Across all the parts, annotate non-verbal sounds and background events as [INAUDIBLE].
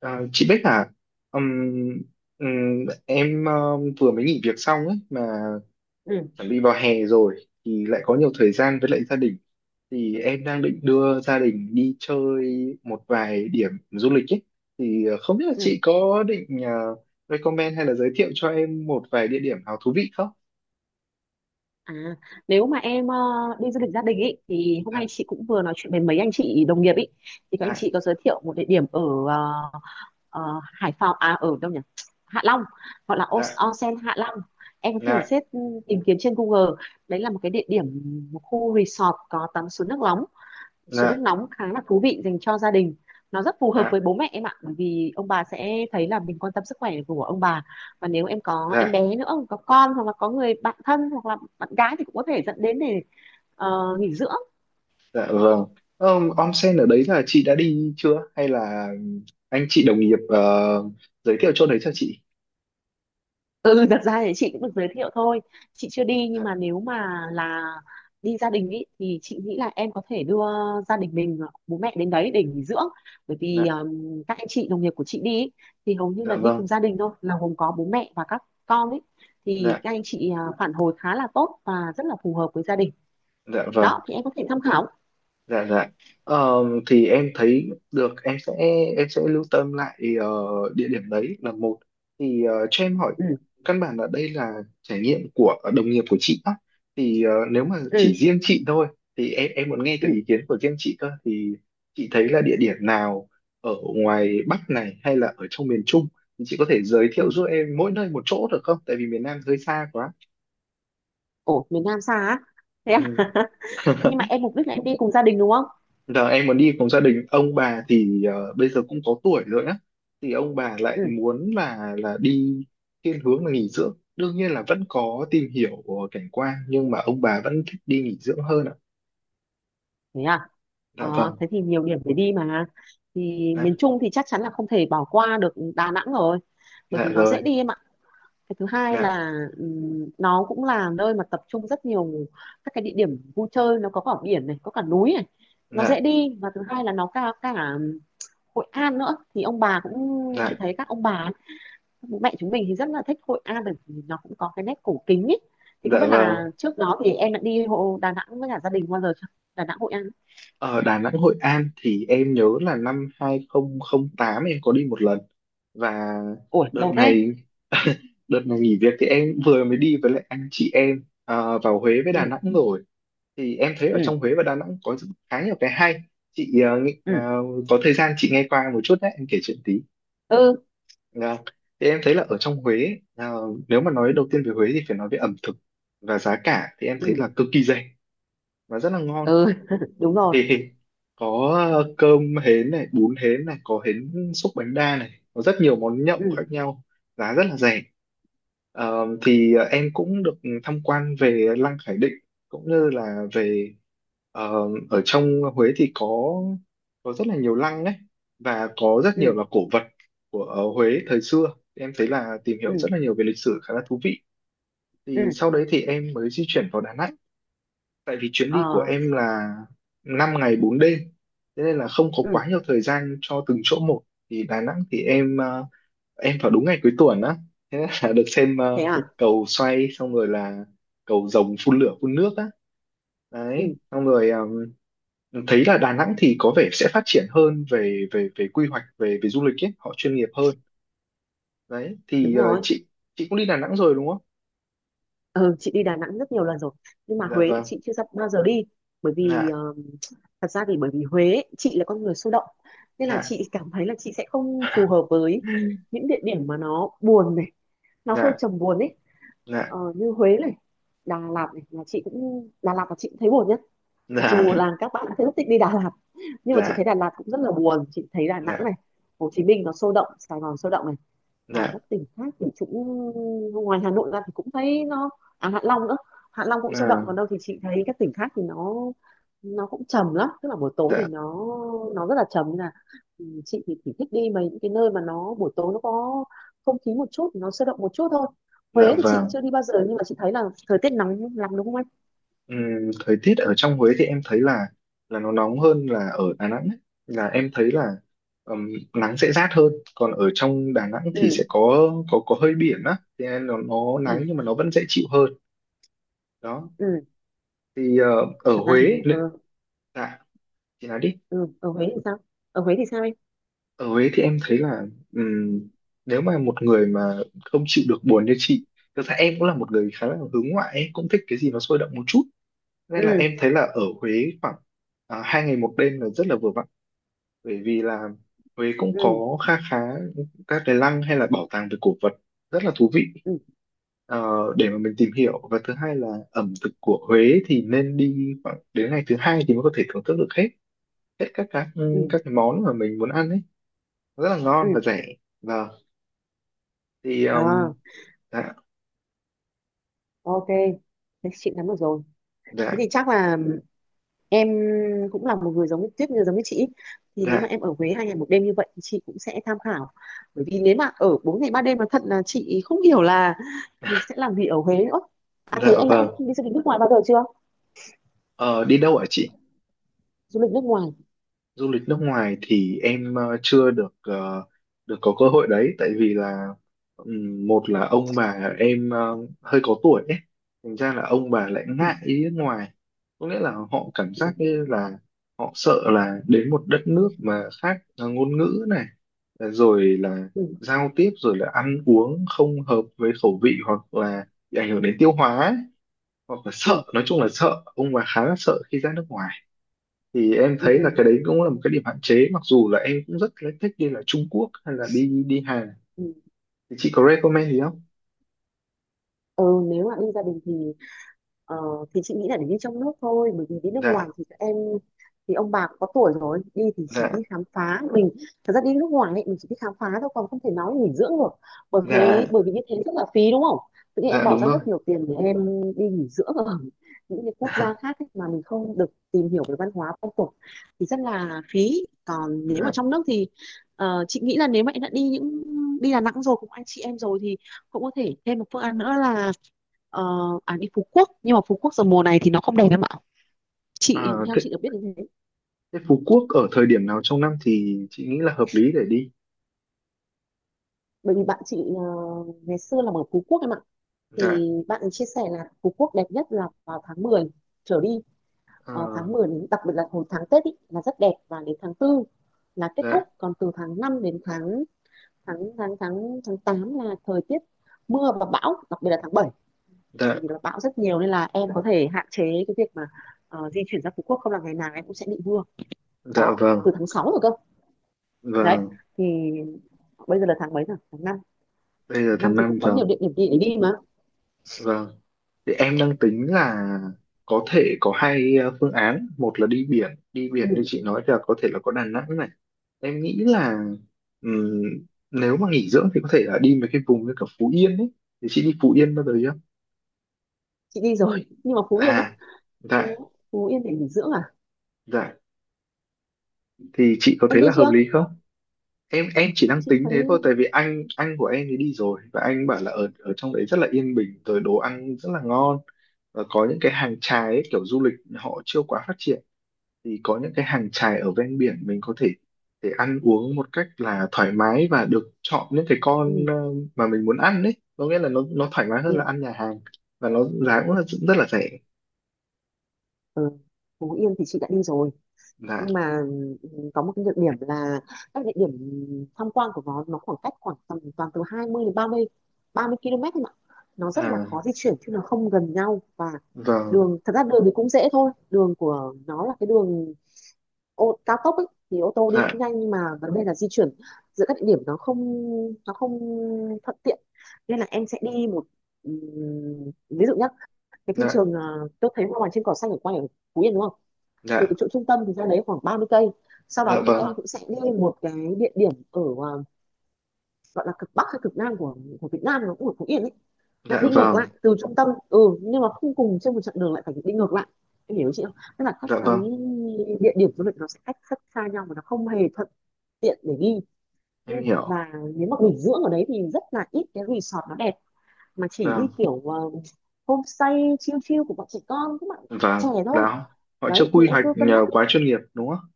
À, chị Bích à, Ừm, em vừa mới nghỉ việc xong ấy mà ừ, chuẩn bị vào hè rồi, thì lại có nhiều thời gian với lại gia đình, thì em đang định đưa gia đình đi chơi một vài điểm du lịch ấy. Thì không biết là ừ. chị có định recommend hay là giới thiệu cho em một vài địa điểm nào thú vị không? À, nếu mà em đi du lịch gia đình ý thì hôm Dạ, nay chị cũng vừa nói chuyện với mấy anh chị đồng nghiệp ý, thì các anh dạ, chị có giới thiệu một địa điểm ở ờ, ờ, Hải Phòng à, ở đâu nhỉ? Hạ Long. Gọi là dạ, onsen Hạ Long. Em có thể dạ, tìm kiếm trên Google. Đấy là một cái địa điểm, một khu resort có tắm suối nước nóng. Suối nước dạ, nóng khá là thú vị, dành cho gia đình, nó rất phù hợp dạ, với bố mẹ em ạ, bởi vì ông bà sẽ thấy là mình quan tâm sức khỏe của ông bà. Và nếu em có em dạ, bé nữa, có con, hoặc là có người bạn thân hoặc là bạn gái thì cũng có thể dẫn đến để nghỉ dưỡng. dạ, vâng. Ờ, onsen ở đấy là chị đã đi chưa hay là anh chị đồng nghiệp giới thiệu chỗ đấy cho chị? Ừ, ừ, thật ra thì chị cũng được giới thiệu thôi, chị chưa đi, nhưng Dạ, mà nếu mà là đi gia đình ý, thì chị nghĩ là em có thể đưa gia đình mình, bố mẹ, đến đấy để nghỉ dưỡng. Bởi vì dạ, các anh chị đồng nghiệp của chị đi ý, thì hầu như dạ là đi cùng vâng. gia đình thôi, là gồm có bố mẹ và các con ấy, thì Dạ, các anh chị à, phản hồi khá là tốt và rất là phù hợp với gia đình. dạ vâng, Đó thì em có thể tham khảo. dạ, dạ. Ờ, thì em thấy được, em sẽ lưu tâm lại địa điểm đấy là một. Thì cho em hỏi, Ừ, căn bản là đây là trải nghiệm của đồng nghiệp của chị á, thì nếu mà ừ, chỉ riêng chị thôi, thì em muốn nghe từ ừ, ý kiến của riêng chị cơ, thì chị thấy là địa điểm nào ở ngoài Bắc này hay là ở trong miền Trung thì chị có thể giới thiệu ừ. giúp em mỗi nơi một chỗ được không, tại vì miền Nam hơi xa quá. Ồ, miền Nam xa á? Thế à? Ừ. [LAUGHS] Nhưng mà em mục đích là em đi cùng gia đình đúng không? Giờ em muốn đi cùng gia đình ông bà, thì bây giờ cũng có tuổi rồi á, thì ông bà lại Ừ, muốn là đi thiên hướng là nghỉ dưỡng, đương nhiên là vẫn có tìm hiểu của cảnh quan nhưng mà ông bà vẫn thích đi nghỉ dưỡng hơn ạ. thế à. Ờ, Dạ vâng. Thế thì nhiều điểm để đi mà. Thì Dạ, miền Trung thì chắc chắn là không thể bỏ qua được Đà Nẵng rồi, bởi dạ vì nó rồi. dễ đi em ạ. Cái thứ hai Dạ, là nó cũng là nơi mà tập trung rất nhiều các cái địa điểm vui chơi, nó có cả biển này, có cả núi này, nó dễ dạ, đi, và thứ hai là nó cả cả Hội An nữa, thì ông bà cũng, chị dạ, thấy các ông bà ấy, bố mẹ chúng mình thì rất là thích Hội An bởi vì nó cũng có cái nét cổ kính ấy. Thì không dạ biết vâng. là trước đó thì em đã đi Đà Nẵng với cả gia đình bao giờ chưa, Đà Nẵng Hội An? Ở Đà Nẵng Hội An thì em nhớ là 2008 em có đi một lần, và Ủa đợt lâu thế. này [LAUGHS] đợt này nghỉ việc thì em vừa mới đi với lại anh chị em vào Huế với Ừ. Đà Nẵng rồi. Thì em thấy ở Ừ. trong Huế và Đà Nẵng có khá nhiều cái hay. Chị Ừ, có thời gian chị nghe qua một chút đấy, em kể chuyện tí. ừ, Vâng. Thì em thấy là ở trong Huế nếu mà nói đầu tiên về Huế thì phải nói về ẩm thực, và giá cả thì em thấy ừ, là cực kỳ rẻ và rất là ngon. ừ, [LAUGHS] đúng rồi. Thịt thịt có cơm hến này, bún hến này, có hến xúc bánh đa này, có rất nhiều món nhậu Ừ, khác nhau, giá rất là rẻ. Ờ, thì em cũng được tham quan về Lăng Khải Định, cũng như là về ờ, ở trong Huế thì có rất là nhiều lăng đấy, và có rất ừ, nhiều là cổ vật của Huế thời xưa. Em thấy là tìm hiểu ừ, rất là nhiều về lịch sử khá là thú vị. ừ, Thì sau đấy thì em mới di chuyển vào Đà Nẵng, tại vì chuyến ờ, đi của em là 5 ngày 4 đêm, thế nên là không có ừ, quá nhiều thời gian cho từng chỗ một. Thì Đà Nẵng thì em em vào đúng ngày cuối tuần á, thế nên là được xem thế à. cầu xoay, xong rồi là cầu rồng phun lửa phun nước á. Đấy, Ừ, xong rồi thấy là Đà Nẵng thì có vẻ sẽ phát triển hơn về về về quy hoạch, về về du lịch ấy, họ chuyên nghiệp hơn. Đấy, thì đúng ờ, rồi. chị chị cũng đi Đà Nẵng rồi đúng không? Ừ, chị đi Đà Nẵng rất nhiều lần rồi, nhưng mà Dạ Huế thì vâng. chị chưa bao giờ đi, bởi vì Dạ, thật ra thì, bởi vì Huế ấy, chị là con người sôi động nên là dạ. chị cảm thấy là chị sẽ không phù hợp [LAUGHS] với những địa điểm mà nó buồn này, nó Dạ, hơi dạ, trầm buồn ấy. Như Huế này, Đà Lạt này là chị cũng, Đà Lạt là chị cũng thấy buồn nhá, mặc dù dạ, là các bạn đã rất thích đi Đà Lạt, nhưng mà chị thấy dạ. Đà Lạt cũng rất là buồn. Chị thấy Đà Nẵng Dạ, này, Hồ Chí Minh nó sôi động, Sài Gòn sôi động này, còn các dạ, tỉnh khác thì cũng, ngoài Hà Nội ra thì cũng thấy nó, à Hạ Long nữa, Hạ Long cũng sôi động, à, còn đâu thì chị thấy các tỉnh khác thì nó cũng trầm lắm, tức là buổi tối thì dạ, nó rất là trầm, nên là ừ, chị thì chỉ thích đi mấy những cái nơi mà nó buổi tối nó có không khí một chút, nó sôi động một chút thôi. dạ Huế thì chị vâng. chưa đi bao giờ, nhưng mà chị thấy là thời tiết nóng lắm đúng không anh? Ừm, thời tiết ở trong Huế thì em thấy là nó nóng hơn là ở Đà Nẵng ấy. Là em thấy là ừm, nắng sẽ rát hơn, còn ở trong Đà Nẵng thì Ừ. sẽ có có hơi biển á, thì nên nó Ừ, nắng nhưng mà nó vẫn dễ chịu hơn. Đó. ừ, Thì ở thật ra Huế, thì lệ- dạ, chị nói đi. ừ, ở Huế thì sao? Ở Huế thì sao em? Ở Huế thì em thấy là ừm, nếu mà một người mà không chịu được buồn như chị, thực ra em cũng là một người khá là hướng ngoại ấy, cũng thích cái gì nó sôi động một chút, nên Ừ, là em thấy là ở Huế khoảng 2 ngày 1 đêm là rất là vừa vặn, bởi vì là Huế cũng ừ, có kha khá các cái lăng hay là bảo tàng về cổ vật, rất là thú vị ừ, ờ, để mà mình tìm hiểu. Và thứ hai là ẩm thực của Huế thì nên đi khoảng đến ngày thứ hai thì mới có thể thưởng thức được hết hết các ừ, các cái món mà mình muốn ăn ấy, rất là ngon ừ. và rẻ. Vâng. Thì À, dạ. ok, thế chị nắm được rồi. Thế Dạ, thì chắc là em cũng là một người giống như Tuyết, như giống như chị ý. Thì nếu mà dạ, em ở Huế 2 ngày 1 đêm như vậy thì chị cũng sẽ tham khảo, bởi vì nếu mà ở 4 ngày 3 đêm mà thật là chị không hiểu là mình sẽ làm gì ở Huế nữa. À, dạ thế em đã vâng. đi du lịch nước ngoài bao giờ chưa? Ờ, đi đâu ạ chị? Du lịch nước ngoài. Du lịch nước ngoài thì em chưa được được có cơ hội đấy, tại vì là một là ông bà em hơi có tuổi ấy, thành ra là ông bà lại Ừ, ngại đi nước ngoài, có nghĩa là họ cảm ừ, giác như là họ sợ là đến một đất nước mà khác ngôn ngữ này, rồi là ừ, giao tiếp rồi là ăn uống không hợp với khẩu vị, hoặc là bị ảnh hưởng đến tiêu hóa ấy. Hoặc là sợ, nói chung là sợ, ông bà khá là sợ khi ra nước ngoài. Thì em ừ, thấy là ừ, cái đấy cũng là một cái điểm hạn chế, mặc dù là em cũng rất là thích đi là Trung Quốc hay là đi đi Hàn. ừ. Thì chị có recommend gì không? Ừ, nếu mà đi gia đình thì ờ, thì chị nghĩ là để đi trong nước thôi, bởi vì đi nước Dạ, ngoài thì các em, thì ông bà cũng có tuổi rồi, đi thì chỉ dạ, đi khám phá mình. Thật ra đi nước ngoài ấy, mình chỉ đi khám phá thôi, còn không thể nói nghỉ dưỡng được. Bởi thế dạ, bởi vì như thế rất là phí đúng không? Tự nhiên em dạ bỏ đúng ra rồi. rất nhiều tiền để em đi nghỉ dưỡng ở [LAUGHS] những cái quốc gia khác ấy, mà mình không được tìm hiểu về văn hóa phong tục thì rất là phí. Còn nếu mà Dạ, trong nước thì chị nghĩ là nếu mà em đã đi những, đi Đà Nẵng rồi cùng anh chị em rồi thì cũng có thể thêm một phương án nữa là ờ, à, đi Phú Quốc, nhưng mà Phú Quốc giờ mùa này thì nó không đẹp em ạ, chị à, theo thế, chị được biết như thế. thế Phú Quốc ở thời điểm nào trong năm thì chị nghĩ là hợp lý để đi? Bởi vì bạn chị ngày xưa là ở Phú Quốc em ạ, Dạ, thì bạn ấy chia sẻ là Phú Quốc đẹp nhất là vào tháng 10 trở đi. Ờ, tháng à, 10 đến, đặc biệt là hồi tháng Tết ý, là rất đẹp, và đến tháng 4 là kết thúc. dạ, Còn từ tháng 5 đến tháng tháng tháng tháng tháng 8 là thời tiết mưa và bão, đặc biệt là tháng 7 dạ, thì nó bão rất nhiều, nên là em có thể hạn chế cái việc mà di chuyển ra Phú Quốc, không là ngày nào em cũng sẽ bị mưa. dạ Đó, vâng. từ tháng 6 rồi cơ. Đấy. Vâng, Thì bây giờ là tháng mấy rồi, tháng 5? bây giờ tháng 5 tháng thì năm, cũng có nhiều vâng. địa điểm đi để đi mà. Vâng, thì em đang tính là có thể có hai phương án, một là đi biển, đi Ừ, biển như chị nói là có thể là có Đà Nẵng. Em nghĩ là ừm, nếu mà nghỉ dưỡng thì có thể là đi mấy cái vùng như kiểu Phú Yên ấy. Thì chị đi Phú Yên bao giờ chưa? chị đi rồi [LAUGHS] nhưng mà Phú À, Yên á? dạ, Phú, Phú Yên để nghỉ dưỡng à? dạ. Thì chị có Em thấy đi là hợp chưa? lý không? Em chỉ đang Chị tính thấy thế thôi, tại vì anh của em thì đi rồi, và anh bảo là ở ở trong đấy rất là yên bình, rồi đồ ăn rất là ngon, và có những cái hàng chài ấy, kiểu du lịch họ chưa quá phát triển, thì có những cái hàng chài ở ven biển mình có thể để ăn uống một cách là thoải mái, và được chọn những cái con ừ, mà mình muốn ăn đấy, có nghĩa là nó thoải mái hơn ừ, là ăn nhà hàng, và nó giá cũng là rất là rẻ. ừ. Phú Yên thì chị đã đi rồi, Dạ, nhưng mà ừ, có một cái nhược điểm là các địa điểm tham quan của nó khoảng cách khoảng tầm toàn từ 20 đến ba mươi km thôi mà, nó rất là à khó di chuyển chứ nó không gần nhau. Và vâng. đường, thật ra đường thì cũng dễ thôi, đường của nó là cái đường cao tốc ấy, thì ô tô đi Dạ, cũng nhanh, nhưng mà vấn đề là di chuyển giữa các địa điểm, nó không thuận tiện, nên là em sẽ đi một, ví dụ nhá, cái phim dạ, trường à, tôi thấy hoa vàng trên cỏ xanh ở quay ở Phú Yên đúng không, từ dạ, cái chỗ trung tâm thì ra đấy khoảng 30 cây. Sau dạ đó thì vâng. em cũng sẽ đi một cái địa điểm ở à, gọi là cực bắc hay cực nam của Việt Nam, nó cũng ở Phú Yên ấy, lại Dạ đi ngược vâng. lại từ trung tâm. Ừ, nhưng mà không cùng trên một chặng đường, lại phải đi ngược lại. Em hiểu chị không, tức là các Dạ cái vâng. địa điểm du lịch nó sẽ cách rất xa nhau và nó không hề thuận tiện để đi. Em Nhưng hiểu. và, nếu mà nghỉ dưỡng ở đấy thì rất là ít cái resort nó đẹp, mà chỉ đi Vâng, kiểu homestay chill chill của bọn trẻ con, các bạn bạn vâng. trẻ thôi. Đó, họ chưa Đấy thì quy em hoạch cứ cân nhắc, quá chuyên nghiệp đúng không?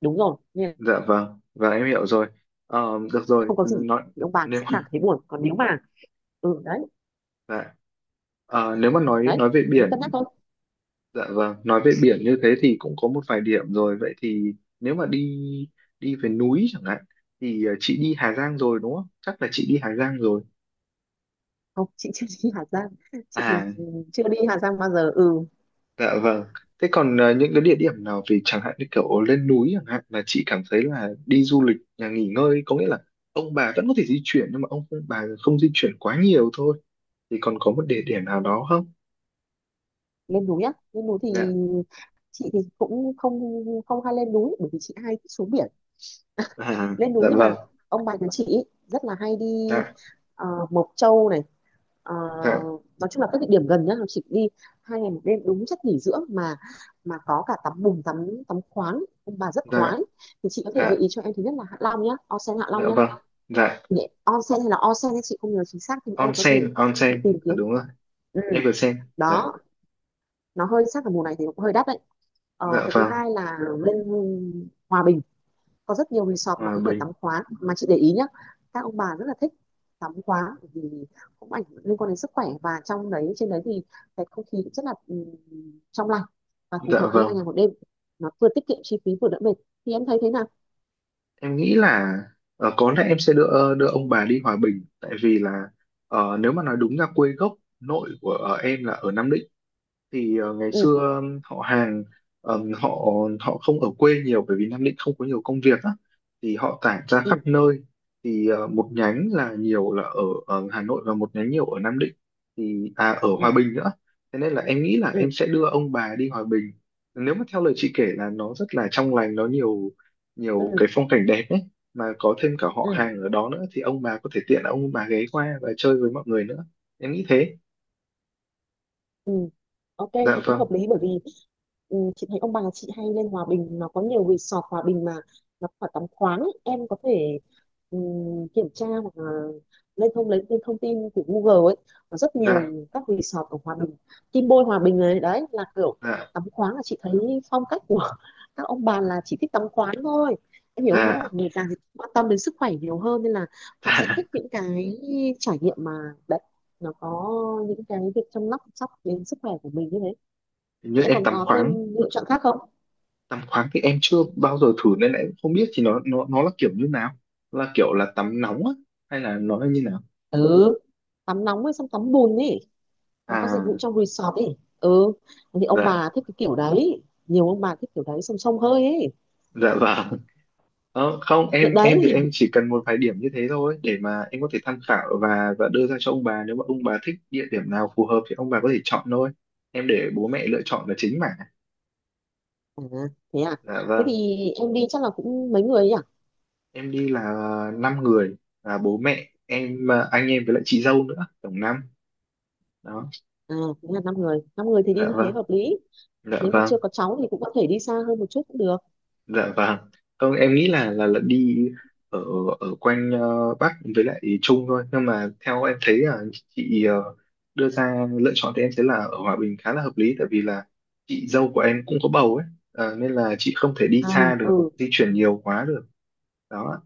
đúng rồi nên. Dạ vâng, và em hiểu rồi. Ờ, được rồi, Không có gì. nói Thì ông bà nếu sẽ mà cảm thấy buồn, còn nếu mà ừ, đấy, dạ. Ờ, nếu mà nói đấy về nên cân biển. nhắc thôi. Dạ vâng, nói về biển như thế thì cũng có một vài điểm rồi. Vậy thì nếu mà đi đi về núi chẳng hạn, thì chị đi Hà Giang rồi đúng không? Chắc là chị đi Hà Giang rồi. Không, chị chưa đi Hà Giang, chị thì À, chưa đi Hà Giang bao giờ. Ừ. dạ vâng. Thế còn những cái địa điểm nào về, chẳng hạn như kiểu lên núi chẳng hạn, mà chị cảm thấy là đi du lịch nhà nghỉ ngơi, có nghĩa là ông bà vẫn có thể di chuyển nhưng mà ông bà không di chuyển quá nhiều thôi, thì còn có một địa điểm nào đó không? Lên núi á, lên núi thì Dạ. chị thì cũng không, không hay lên núi bởi vì chị hay thích xuống biển. À, Lên núi, dạ nhưng vâng. mà ông bà nhà chị ý, rất là hay đi Dạ, Mộc Châu này, ờ, dạ, nói chung là các địa điểm gần nhá, chị đi 2 ngày 1 đêm đúng chất nghỉ dưỡng mà có cả tắm bùn, tắm tắm khoáng, ông bà rất khoái. dạ, Thì chị có thể dạ, gợi ý cho em, thứ nhất là Hạ Long nhá, onsen Hạ Long dạ nhá, vâng. Dạ, onsen hay là onsen thì chị không nhớ chính xác, thì em có thể onsen, tự onsen, tìm à, kiếm. đúng rồi. Ừ. Em vừa xem. Dạ, Đó. Nó hơi, chắc là mùa này thì cũng hơi đắt đấy. Dạ Cái thứ vâng. hai là lên Hòa Bình, có rất nhiều resort mà Hòa có thể Bình. tắm khoáng, mà chị để ý nhá, các ông bà rất là thích tắm khoáng bởi vì cũng ảnh liên quan đến sức khỏe, và trong đấy, trên đấy thì cái không khí cũng rất là trong lành và phù Dạ hợp đi hai vâng, ngày một đêm nó vừa tiết kiệm chi phí vừa đỡ mệt. Thì em thấy thế nào? em nghĩ là có lẽ em sẽ đưa đưa ông bà đi Hòa Bình, tại vì là nếu mà nói đúng ra, quê gốc nội của em là ở Nam Định. Thì ngày Ừ, xưa họ hàng họ họ không ở quê nhiều, bởi vì Nam Định không có nhiều công việc á, thì họ tản ra khắp ừ, nơi. Thì một nhánh là nhiều là ở, ở Hà Nội, và một nhánh nhiều ở Nam Định, thì à, ở Hòa ừ, Bình nữa. Thế nên là em nghĩ là ừ, em sẽ đưa ông bà đi Hòa Bình. Nếu mà theo lời chị kể là nó rất là trong lành, nó nhiều nhiều ừ, cái phong cảnh đẹp ấy, mà có thêm cả họ ừ. hàng ở đó nữa, thì ông bà có thể tiện là ông bà ghé qua và chơi với mọi người nữa. Em nghĩ thế. Ừ. Ok Dạ thì cũng vâng. hợp lý, bởi vì ừ, chị thấy ông bà chị hay lên Hòa Bình, nó có nhiều resort Hòa Bình mà, nó phải tắm khoáng ấy. Em có thể ừ, kiểm tra hoặc là lên thông tin của Google ấy, có rất nhiều Dạ, các resort ở Hòa Bình. Kim Bôi Hòa Bình này, đấy là kiểu dạ, tắm khoáng, là chị thấy phong cách của [LAUGHS] các ông bà là chỉ thích tắm khoáng thôi. Em hiểu không, nghĩa là dạ. người già thì quan tâm đến sức khỏe nhiều hơn, nên là họ sẽ Dạ, thích những cái trải nghiệm mà, đấy, nó có những cái việc chăm sóc sóc đến sức khỏe của mình như thế. hình như Thì em em còn tắm có thêm khoáng. lựa chọn khác không? Tắm khoáng thì em chưa bao giờ thử, nên em không biết thì nó là kiểu như nào, là kiểu là tắm nóng á hay là nó là như nào? Ừ, tắm nóng với xong tắm bùn ấy, nó có dịch vụ À, trong resort ấy. Ừ, thì ông dạ, bà thích cái kiểu đấy, nhiều ông bà thích kiểu đấy xong xông hơi ấy. dạ vâng. Ờ, không, em Đấy. em thì em chỉ cần một vài điểm như thế thôi, để mà em có thể tham khảo và đưa ra cho ông bà, nếu mà ông bà thích địa điểm nào phù hợp thì ông bà có thể chọn thôi. Em để bố mẹ lựa chọn là chính mà. À, thế à, Dạ thế vâng. thì em đi chắc là cũng mấy người ấy à? Em đi là 5 người, là bố mẹ em, à, anh em với lại chị dâu nữa, tổng năm. Đó. À, thế là 5 người, 5 người thì đi Dạ như thế vâng. hợp lý. Dạ Nếu mà vâng. chưa có cháu thì cũng có thể đi xa hơn một chút cũng được. Dạ vâng. Không, em nghĩ là đi ở ở quanh Bắc với lại Trung thôi. Nhưng mà theo em thấy là chị đưa ra lựa chọn, thì em thấy là ở Hòa Bình khá là hợp lý, tại vì là chị dâu của em cũng có bầu ấy. Ờ, nên là chị không thể đi À. xa được, Ừ, di chuyển nhiều quá được. Đó.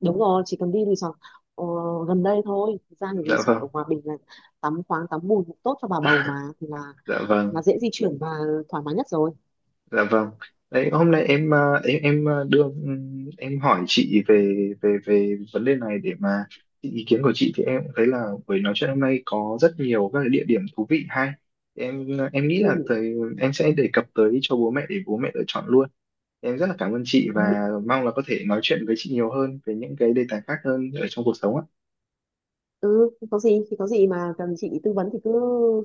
đúng rồi, chỉ cần đi resort ờ, gần đây thôi. Thực ra thì Dạ resort vâng. ở Hòa Bình là tắm khoáng, tắm bùn cũng tốt cho bà bầu mà, thì là Dạ vâng. là dễ di chuyển và thoải mái nhất rồi. Dạ vâng. Đấy, hôm nay em ờ, đưa em hỏi chị về về về vấn đề này, để mà xin ý kiến của chị, thì em cũng thấy là buổi nói chuyện hôm nay có rất nhiều các cái địa điểm thú vị hay. Thì em em nghĩ là Ừ, thời, em sẽ đề cập tới cho bố mẹ để bố mẹ lựa chọn luôn. Thì em rất là cảm ơn chị, và ừ, mong là có thể nói chuyện với chị nhiều hơn về những cái đề tài khác hơn ở trong cuộc sống ạ. ừ. Không có gì, thì có gì mà cần chị tư vấn thì cứ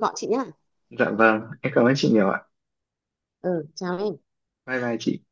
gọi chị nhá. Dạ vâng, em cảm ơn chị nhiều ạ. Ừ, chào em. Bye bye chị.